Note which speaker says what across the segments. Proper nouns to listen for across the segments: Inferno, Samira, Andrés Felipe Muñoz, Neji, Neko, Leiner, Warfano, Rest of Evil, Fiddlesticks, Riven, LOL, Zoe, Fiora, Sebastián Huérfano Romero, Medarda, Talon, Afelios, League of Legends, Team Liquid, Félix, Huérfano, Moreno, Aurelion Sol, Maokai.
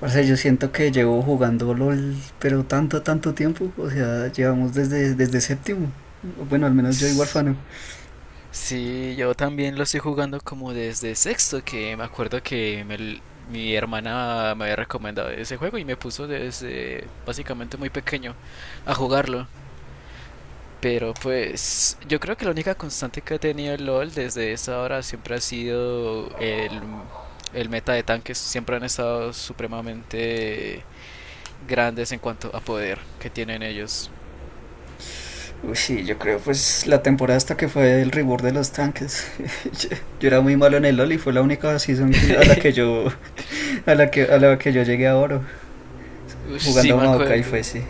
Speaker 1: O sea, yo siento que llevo jugando LOL, pero tanto, tanto tiempo. O sea, llevamos desde séptimo. Bueno, al menos yo y
Speaker 2: S-
Speaker 1: Warfano.
Speaker 2: Sí, yo también lo estoy jugando como desde sexto, que me acuerdo que mi hermana me había recomendado ese juego y me puso desde básicamente muy pequeño a jugarlo. Pero pues yo creo que la única constante que ha tenido el LOL desde esa hora siempre ha sido el meta de tanques. Siempre han estado supremamente grandes en cuanto a poder que tienen ellos.
Speaker 1: Uy, sí, yo creo pues la temporada hasta que fue el reward de los tanques. Yo, yo era muy malo en el LOL y fue la única season que, a la que yo a la que yo llegué a oro
Speaker 2: Uy,
Speaker 1: jugando
Speaker 2: sí
Speaker 1: a
Speaker 2: me
Speaker 1: Maokai fue
Speaker 2: acuerdo.
Speaker 1: sí.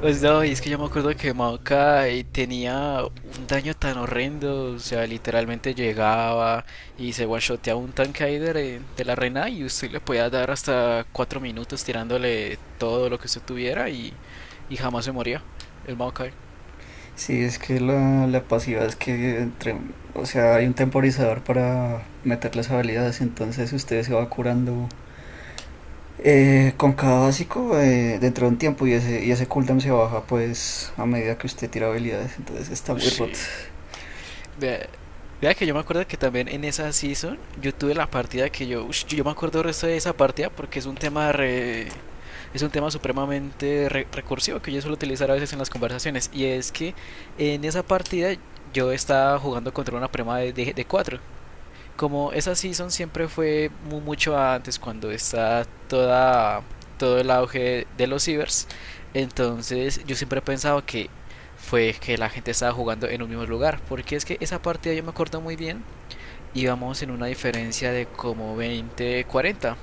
Speaker 2: Pues no, y es que yo me acuerdo que Maoka tenía un daño tan horrendo, o sea, literalmente llegaba y se one-shoteaba un tanque ahí de la reina y usted le podía dar hasta 4 minutos tirándole todo lo que usted tuviera y jamás se moría el Maokai.
Speaker 1: Sí, es que la pasiva es que entre, o sea, hay un temporizador para meter las habilidades, entonces usted se va curando. Con cada básico, dentro de un tiempo y ese cooldown se baja pues a medida que usted tira habilidades, entonces está muy
Speaker 2: Ush,
Speaker 1: roto.
Speaker 2: vea, vea que yo me acuerdo que también en esa season yo tuve la partida que yo, ush, yo me acuerdo el resto de esa partida porque es un tema supremamente recursivo que yo suelo utilizar a veces en las conversaciones y es que en esa partida yo estaba jugando contra una prima de cuatro, como esa season siempre fue mucho antes cuando está toda todo el auge de los cibers. Entonces yo siempre he pensado que fue que la gente estaba jugando en un mismo lugar, porque es que esa partida yo me acuerdo muy bien, íbamos en una diferencia de como 20, 40.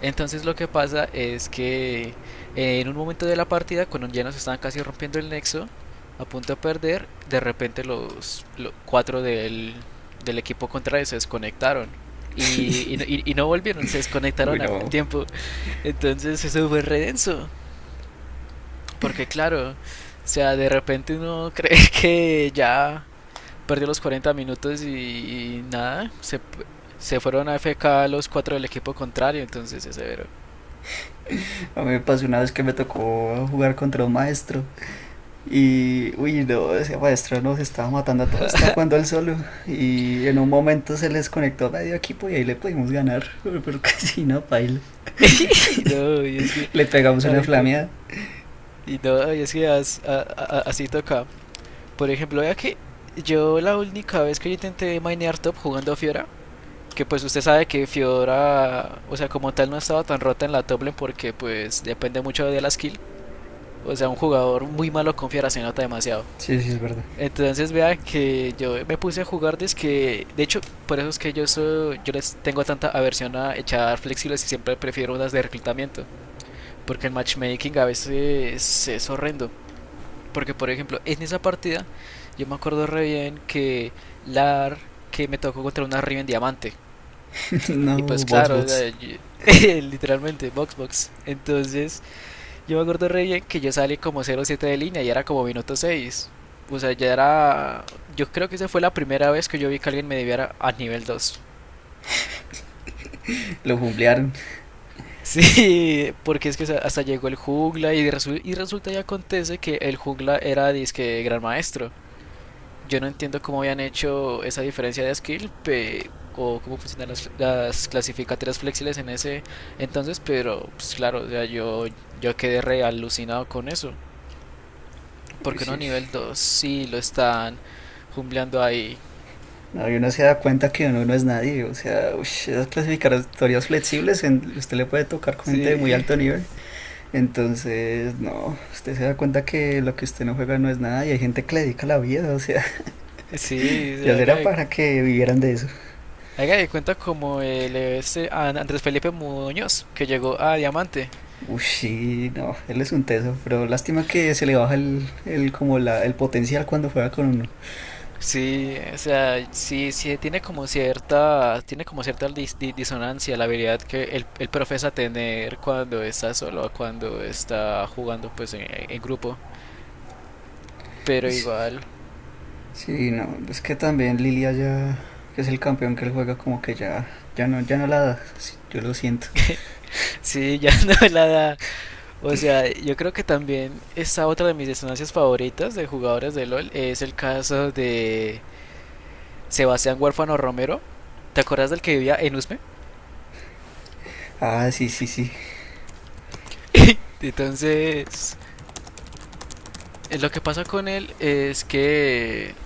Speaker 2: Entonces lo que pasa es que, en un momento de la partida, cuando ya nos estaban casi rompiendo el nexo, a punto de perder, de repente cuatro del equipo contrario se desconectaron. Y no volvieron, se
Speaker 1: Uy,
Speaker 2: desconectaron al
Speaker 1: no.
Speaker 2: tiempo. Entonces eso fue re denso. Porque claro, o sea, de repente uno cree que ya perdió los 40 minutos y nada, se fueron a AFK los cuatro del equipo contrario. Entonces es severo.
Speaker 1: A mí me pasó una vez que me tocó jugar contra un maestro y, uy, no, ese maestro nos estaba matando a todos, estaba jugando él solo y en un momento se les conectó medio equipo y ahí le pudimos ganar, pero que si no, paila.
Speaker 2: No, y es que
Speaker 1: Le pegamos una
Speaker 2: ahí toca.
Speaker 1: flameada.
Speaker 2: Y no, y es que así toca. Por ejemplo, vea que yo la única vez que yo intenté minear top jugando Fiora, que pues usted sabe que Fiora, o sea, como tal no estaba tan rota en la top lane porque pues depende mucho de la skill. O sea, un jugador muy malo con Fiora se nota demasiado.
Speaker 1: Sí, sí, es verdad.
Speaker 2: Entonces vea que yo me puse a jugar desde que, de hecho, por eso es que yo soy, yo les tengo tanta aversión a echar flexibles y siempre prefiero unas de reclutamiento. Porque el matchmaking a veces es horrendo. Porque, por ejemplo, en esa partida yo me acuerdo re bien que, Lar, que me tocó contra una Riven Diamante. Y pues,
Speaker 1: No, bots,
Speaker 2: claro,
Speaker 1: bots.
Speaker 2: literalmente, box box. Entonces, yo me acuerdo re bien que yo salí como 0-7 de línea y era como minuto seis. O sea, ya era. Yo creo que esa fue la primera vez que yo vi que alguien me debiera a nivel dos.
Speaker 1: Lo jumblearon.
Speaker 2: Sí, porque es que hasta llegó el jungla y, y resulta y acontece que el jungla era disque gran maestro. Yo no entiendo cómo habían hecho esa diferencia de skill, o cómo funcionan las clasificatorias flexibles en ese entonces, pero pues claro, o sea, yo quedé re alucinado con eso. Porque uno
Speaker 1: Sí, sí.
Speaker 2: nivel 2 sí lo están jumbleando ahí.
Speaker 1: No, y uno se da cuenta que uno no es nadie. O sea, ush, esas clasificatorias flexibles, en- usted le puede tocar con gente de muy
Speaker 2: Sí,
Speaker 1: alto nivel. Entonces, no, usted se da cuenta que lo que usted no juega no es nada y hay gente que le dedica la vida. O sea,
Speaker 2: sí, o
Speaker 1: ya será para que vivieran de eso.
Speaker 2: haga de cuenta como el este Andrés Felipe Muñoz, que llegó a Diamante.
Speaker 1: Uy, sí, no, él es un teso. Pero lástima que se le baja el, como la, el potencial cuando juega con uno.
Speaker 2: Sí, o sea, sí, sí tiene como cierta disonancia la habilidad que él profesa tener cuando está solo a cuando está jugando pues en grupo. Pero
Speaker 1: Ish,
Speaker 2: igual,
Speaker 1: sí, no, es que también Lilia ya, que es el campeón que él juega, como que ya, ya no, ya no la da. Sí, yo lo siento.
Speaker 2: sí, ya no me la da. O sea, yo creo que también esta otra de mis disonancias favoritas de jugadores de LOL es el caso de Sebastián Huérfano Romero. ¿Te acuerdas del que vivía en Usme?
Speaker 1: Ah, sí, sí, sí.
Speaker 2: Entonces, lo que pasa con él es que,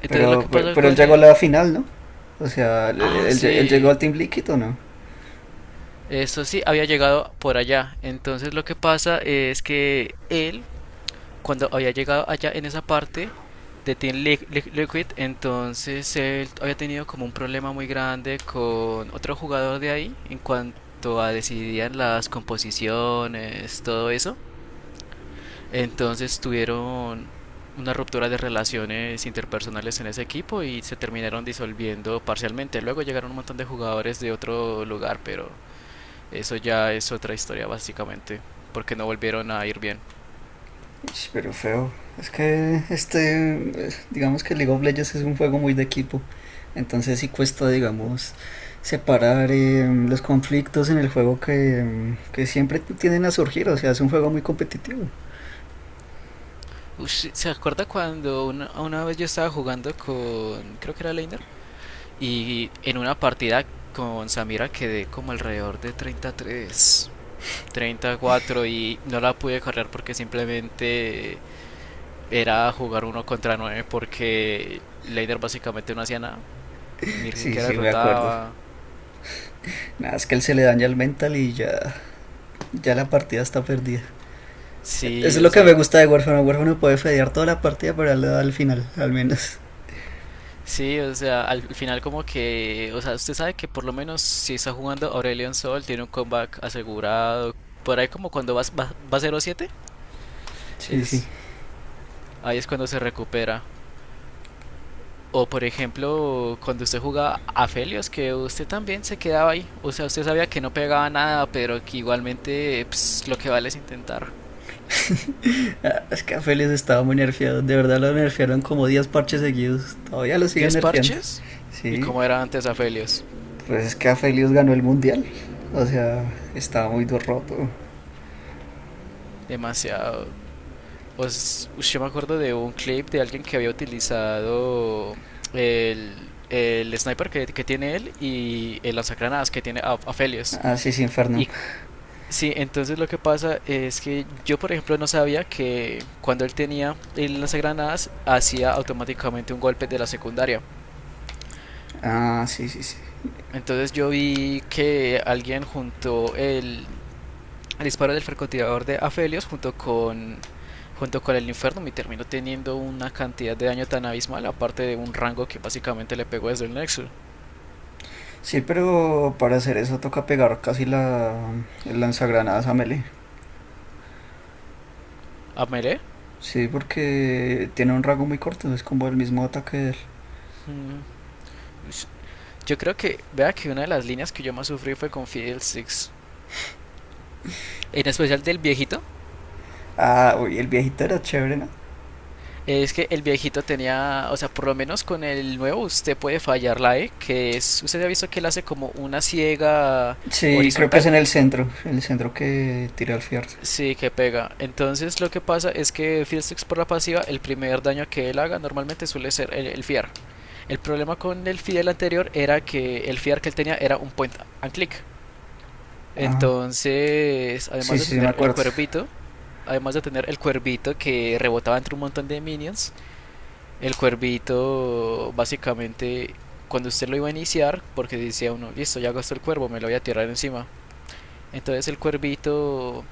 Speaker 2: entonces lo
Speaker 1: Pero,
Speaker 2: que
Speaker 1: pero,
Speaker 2: pasa
Speaker 1: pero él
Speaker 2: con
Speaker 1: llegó a
Speaker 2: él,
Speaker 1: la final, ¿no? O sea, él,
Speaker 2: ah,
Speaker 1: él- él llegó
Speaker 2: sí,
Speaker 1: al Team Liquid o no.
Speaker 2: esto sí, había llegado por allá. Entonces lo que pasa es que él, cuando había llegado allá en esa parte de Liquid, entonces él había tenido como un problema muy grande con otro jugador de ahí en cuanto a decidían las composiciones, todo eso. Entonces tuvieron una ruptura de relaciones interpersonales en ese equipo y se terminaron disolviendo parcialmente. Luego llegaron un montón de jugadores de otro lugar, pero eso ya es otra historia básicamente, porque no volvieron a ir bien.
Speaker 1: Ish, pero feo. Es que este, digamos que League of Legends es un juego muy de equipo. Entonces sí cuesta, digamos, separar los conflictos en el juego que, que siempre tienden a surgir. O sea, es un juego muy competitivo.
Speaker 2: Ush, ¿se acuerda cuando una vez yo estaba jugando con, creo que era Leiner, y en una partida con Samira quedé como alrededor de 33, cuatro, y no la pude cargar porque simplemente era jugar uno contra nueve porque Leider básicamente no hacía nada, ni
Speaker 1: Sí,
Speaker 2: siquiera
Speaker 1: sí, me acuerdo.
Speaker 2: rotaba?
Speaker 1: Nada, es que él se le daña el mental y ya, ya la partida está perdida. Eso
Speaker 2: Sí,
Speaker 1: es
Speaker 2: o
Speaker 1: lo que
Speaker 2: sea,
Speaker 1: me gusta de Warframe. Warframe puede fedear toda la partida, pero él le da al final, al menos.
Speaker 2: sí, o sea, al final como que, o sea, usted sabe que por lo menos si está jugando Aurelion Sol tiene un comeback asegurado. Por ahí como cuando va 0-7
Speaker 1: Sí, sí.
Speaker 2: es, ahí es cuando se recupera. O por ejemplo, cuando usted jugaba a Felios, que usted también se quedaba ahí. O sea, usted sabía que no pegaba nada, pero que igualmente pues, lo que vale es intentar.
Speaker 1: Ah, es que a Félix estaba muy nerfeado, de verdad lo nerfearon como 10 parches seguidos, todavía lo siguen
Speaker 2: diez
Speaker 1: nerfeando.
Speaker 2: parches y
Speaker 1: Sí,
Speaker 2: como era antes Afelios.
Speaker 1: pues es que a Félix ganó el mundial, o sea, estaba muy do- roto.
Speaker 2: Demasiado. Pues, ush, yo me acuerdo de un clip de alguien que había utilizado el sniper que tiene él y el lanzagranadas que tiene Afelios.
Speaker 1: Ah, sí, sí, Inferno.
Speaker 2: Y sí, entonces lo que pasa es que yo, por ejemplo, no sabía que cuando él tenía el lanzagranadas hacía automáticamente un golpe de la secundaria.
Speaker 1: Ah, sí, sí, sí.
Speaker 2: Entonces yo vi que alguien juntó al disparo del francotirador de Afelios junto con el Inferno, y terminó teniendo una cantidad de daño tan abismal, aparte de un rango que básicamente le pegó desde el Nexus.
Speaker 1: Sí, pero para hacer eso toca pegar casi la, el lanzagranadas a melee.
Speaker 2: ¿A melee?
Speaker 1: Sí, porque tiene un rango muy corto, es como el mismo ataque de él.
Speaker 2: Mm, Yo creo que, vea que una de las líneas que yo más sufrí fue con Fidel Six. En especial del viejito.
Speaker 1: Ah, uy, el viejito era chévere, ¿no?
Speaker 2: Es que el viejito tenía, o sea, por lo menos con el nuevo usted puede fallar la E, que es, usted ha visto que él hace como una ciega
Speaker 1: Sí, creo que es
Speaker 2: horizontal.
Speaker 1: en el centro que tira al fierro.
Speaker 2: Sí, que pega. Entonces lo que pasa es que Fiddlesticks por la pasiva, el primer daño que él haga normalmente suele ser el Fear. El problema con el Fiddle anterior era que el Fear que él tenía era un point and click.
Speaker 1: Ah,
Speaker 2: Entonces,
Speaker 1: sí,
Speaker 2: además de
Speaker 1: sí, sí, me
Speaker 2: tener el
Speaker 1: acuerdo.
Speaker 2: cuervito, además de tener el cuervito que rebotaba entre un montón de minions, el cuervito básicamente cuando usted lo iba a iniciar, porque decía uno, listo, ya gastó el cuervo, me lo voy a tirar encima. Entonces el cuervito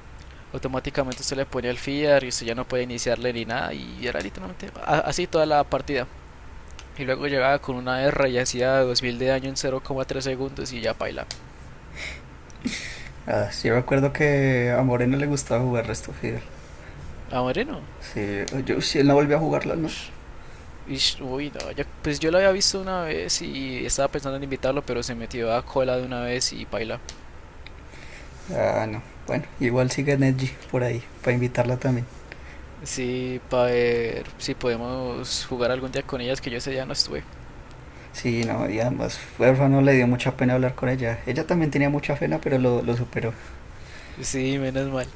Speaker 2: automáticamente usted le pone el feeder y usted ya no puede iniciarle ni nada, y era literalmente así toda la partida. Y luego llegaba con una R y hacía 2000 de daño en 0,3 segundos y ya paila.
Speaker 1: Ah, sí, yo recuerdo que a Moreno le gustaba jugar Rest of Evil.
Speaker 2: Ah, Moreno.
Speaker 1: Sí, yo, si él no volvió a jugarlo, ¿no?
Speaker 2: Ush. Ish, uy, no, pues yo lo había visto una vez y estaba pensando en invitarlo, pero se metió a cola de una vez y paila.
Speaker 1: Ah, no. Bueno, igual sigue Neji por ahí, para invitarla también.
Speaker 2: Sí, para ver si podemos jugar algún día con ellas, que yo ese día no estuve.
Speaker 1: Sí, no, y además Huérfano le dio mucha pena hablar con ella. Ella también tenía mucha pena, pero lo superó.
Speaker 2: Sí, menos mal.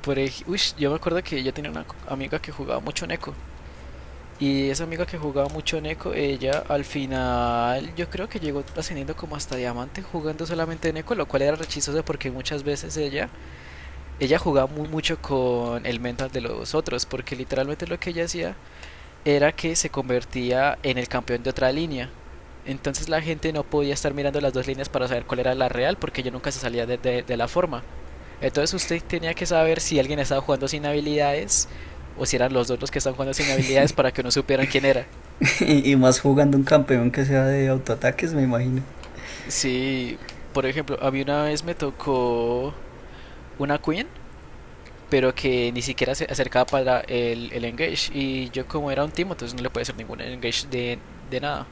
Speaker 2: Uy, yo me acuerdo que yo tenía una amiga que jugaba mucho Neko. Y esa amiga que jugaba mucho en Eco, ella al final yo creo que llegó ascendiendo como hasta diamante jugando solamente en Eco, lo cual era re, porque muchas veces ella jugaba muy mucho con el mental de los otros, porque literalmente lo que ella hacía era que se convertía en el campeón de otra línea. Entonces la gente no podía estar mirando las dos líneas para saber cuál era la real, porque ella nunca se salía de la forma. Entonces usted tenía que saber si alguien estaba jugando sin habilidades o si eran los dos los que estaban jugando sin habilidades para que no supieran quién era.
Speaker 1: Y, y más jugando un campeón que sea de autoataques, me imagino.
Speaker 2: Sí, por ejemplo, a mí una vez me tocó una Queen, pero que ni siquiera se acercaba para el engage. Y yo como era un team, entonces no le podía hacer ningún engage de nada.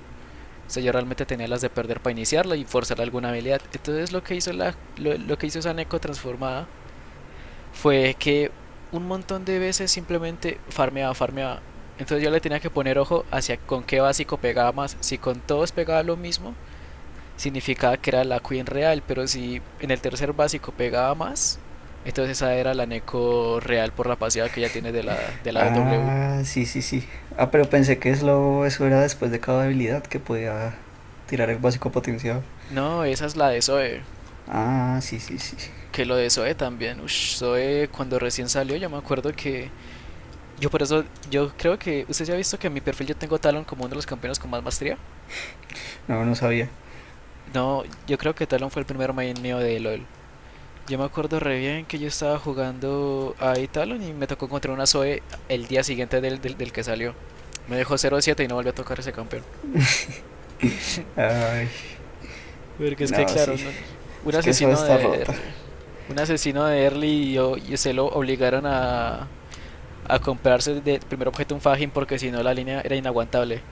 Speaker 2: O sea, yo realmente tenía las de perder para iniciarla y forzar alguna habilidad. Entonces lo que hizo esa Neko transformada fue que un montón de veces simplemente farmeaba, farmeaba. Entonces yo le tenía que poner ojo hacia con qué básico pegaba más. Si con todos pegaba lo mismo, significaba que era la Queen real, pero si en el tercer básico pegaba más, entonces esa era la Neko real por la pasiva que ella tiene de la W.
Speaker 1: Ah, sí, sí, sí. Ah, pero pensé que eso era después de cada habilidad que podía tirar el básico potenciado.
Speaker 2: No, esa es la de Zoe.
Speaker 1: Ah, sí, sí, sí.
Speaker 2: Que lo de Zoe también. Ush, Zoe cuando recién salió, yo me acuerdo que. Yo por eso, yo creo que. ¿Usted ya ha visto que en mi perfil yo tengo a Talon como uno de los campeones con más maestría?
Speaker 1: No, no sabía.
Speaker 2: No, yo creo que Talon fue el primer main mío de LOL. Yo me acuerdo re bien que yo estaba jugando a Italon y me tocó contra una Zoe el día siguiente del que salió. Me dejó 0-7 y no volvió a tocar ese campeón.
Speaker 1: Ay,
Speaker 2: Porque es que,
Speaker 1: no, sí.
Speaker 2: claro, un
Speaker 1: Es que eso
Speaker 2: asesino
Speaker 1: está
Speaker 2: de
Speaker 1: rota.
Speaker 2: early. Un asesino de early y se lo obligaron a, comprarse de primer objeto un Fajin porque si no la línea era inaguantable.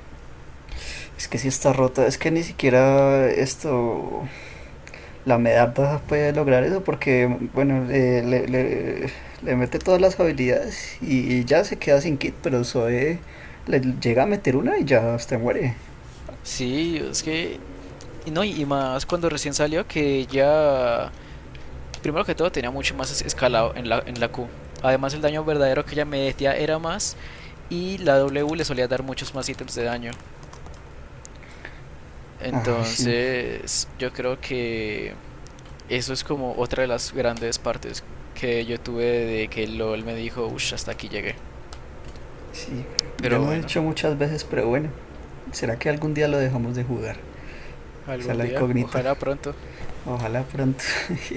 Speaker 1: Es que sí está rota. Es que ni siquiera esto, la Medarda puede lograr eso porque, bueno, le mete todas las habilidades y ya se queda sin kit, pero Zoe le llega a meter una y ya hasta muere.
Speaker 2: Sí, es que. Y no, y más cuando recién salió que ya. Primero que todo tenía mucho más escalado en la, Q. Además, el daño verdadero que ella metía era más. Y la W le solía dar muchos más ítems de daño.
Speaker 1: Ah, sí,
Speaker 2: Entonces, yo creo que eso es como otra de las grandes partes que yo tuve de que LOL me dijo, uff, hasta aquí llegué.
Speaker 1: sí. Ya
Speaker 2: Pero
Speaker 1: lo he
Speaker 2: bueno,
Speaker 1: dicho muchas veces, pero bueno, ¿será que algún día lo dejamos de jugar? Esa es
Speaker 2: algún
Speaker 1: la
Speaker 2: día,
Speaker 1: incógnita.
Speaker 2: ojalá pronto.
Speaker 1: Ojalá pronto.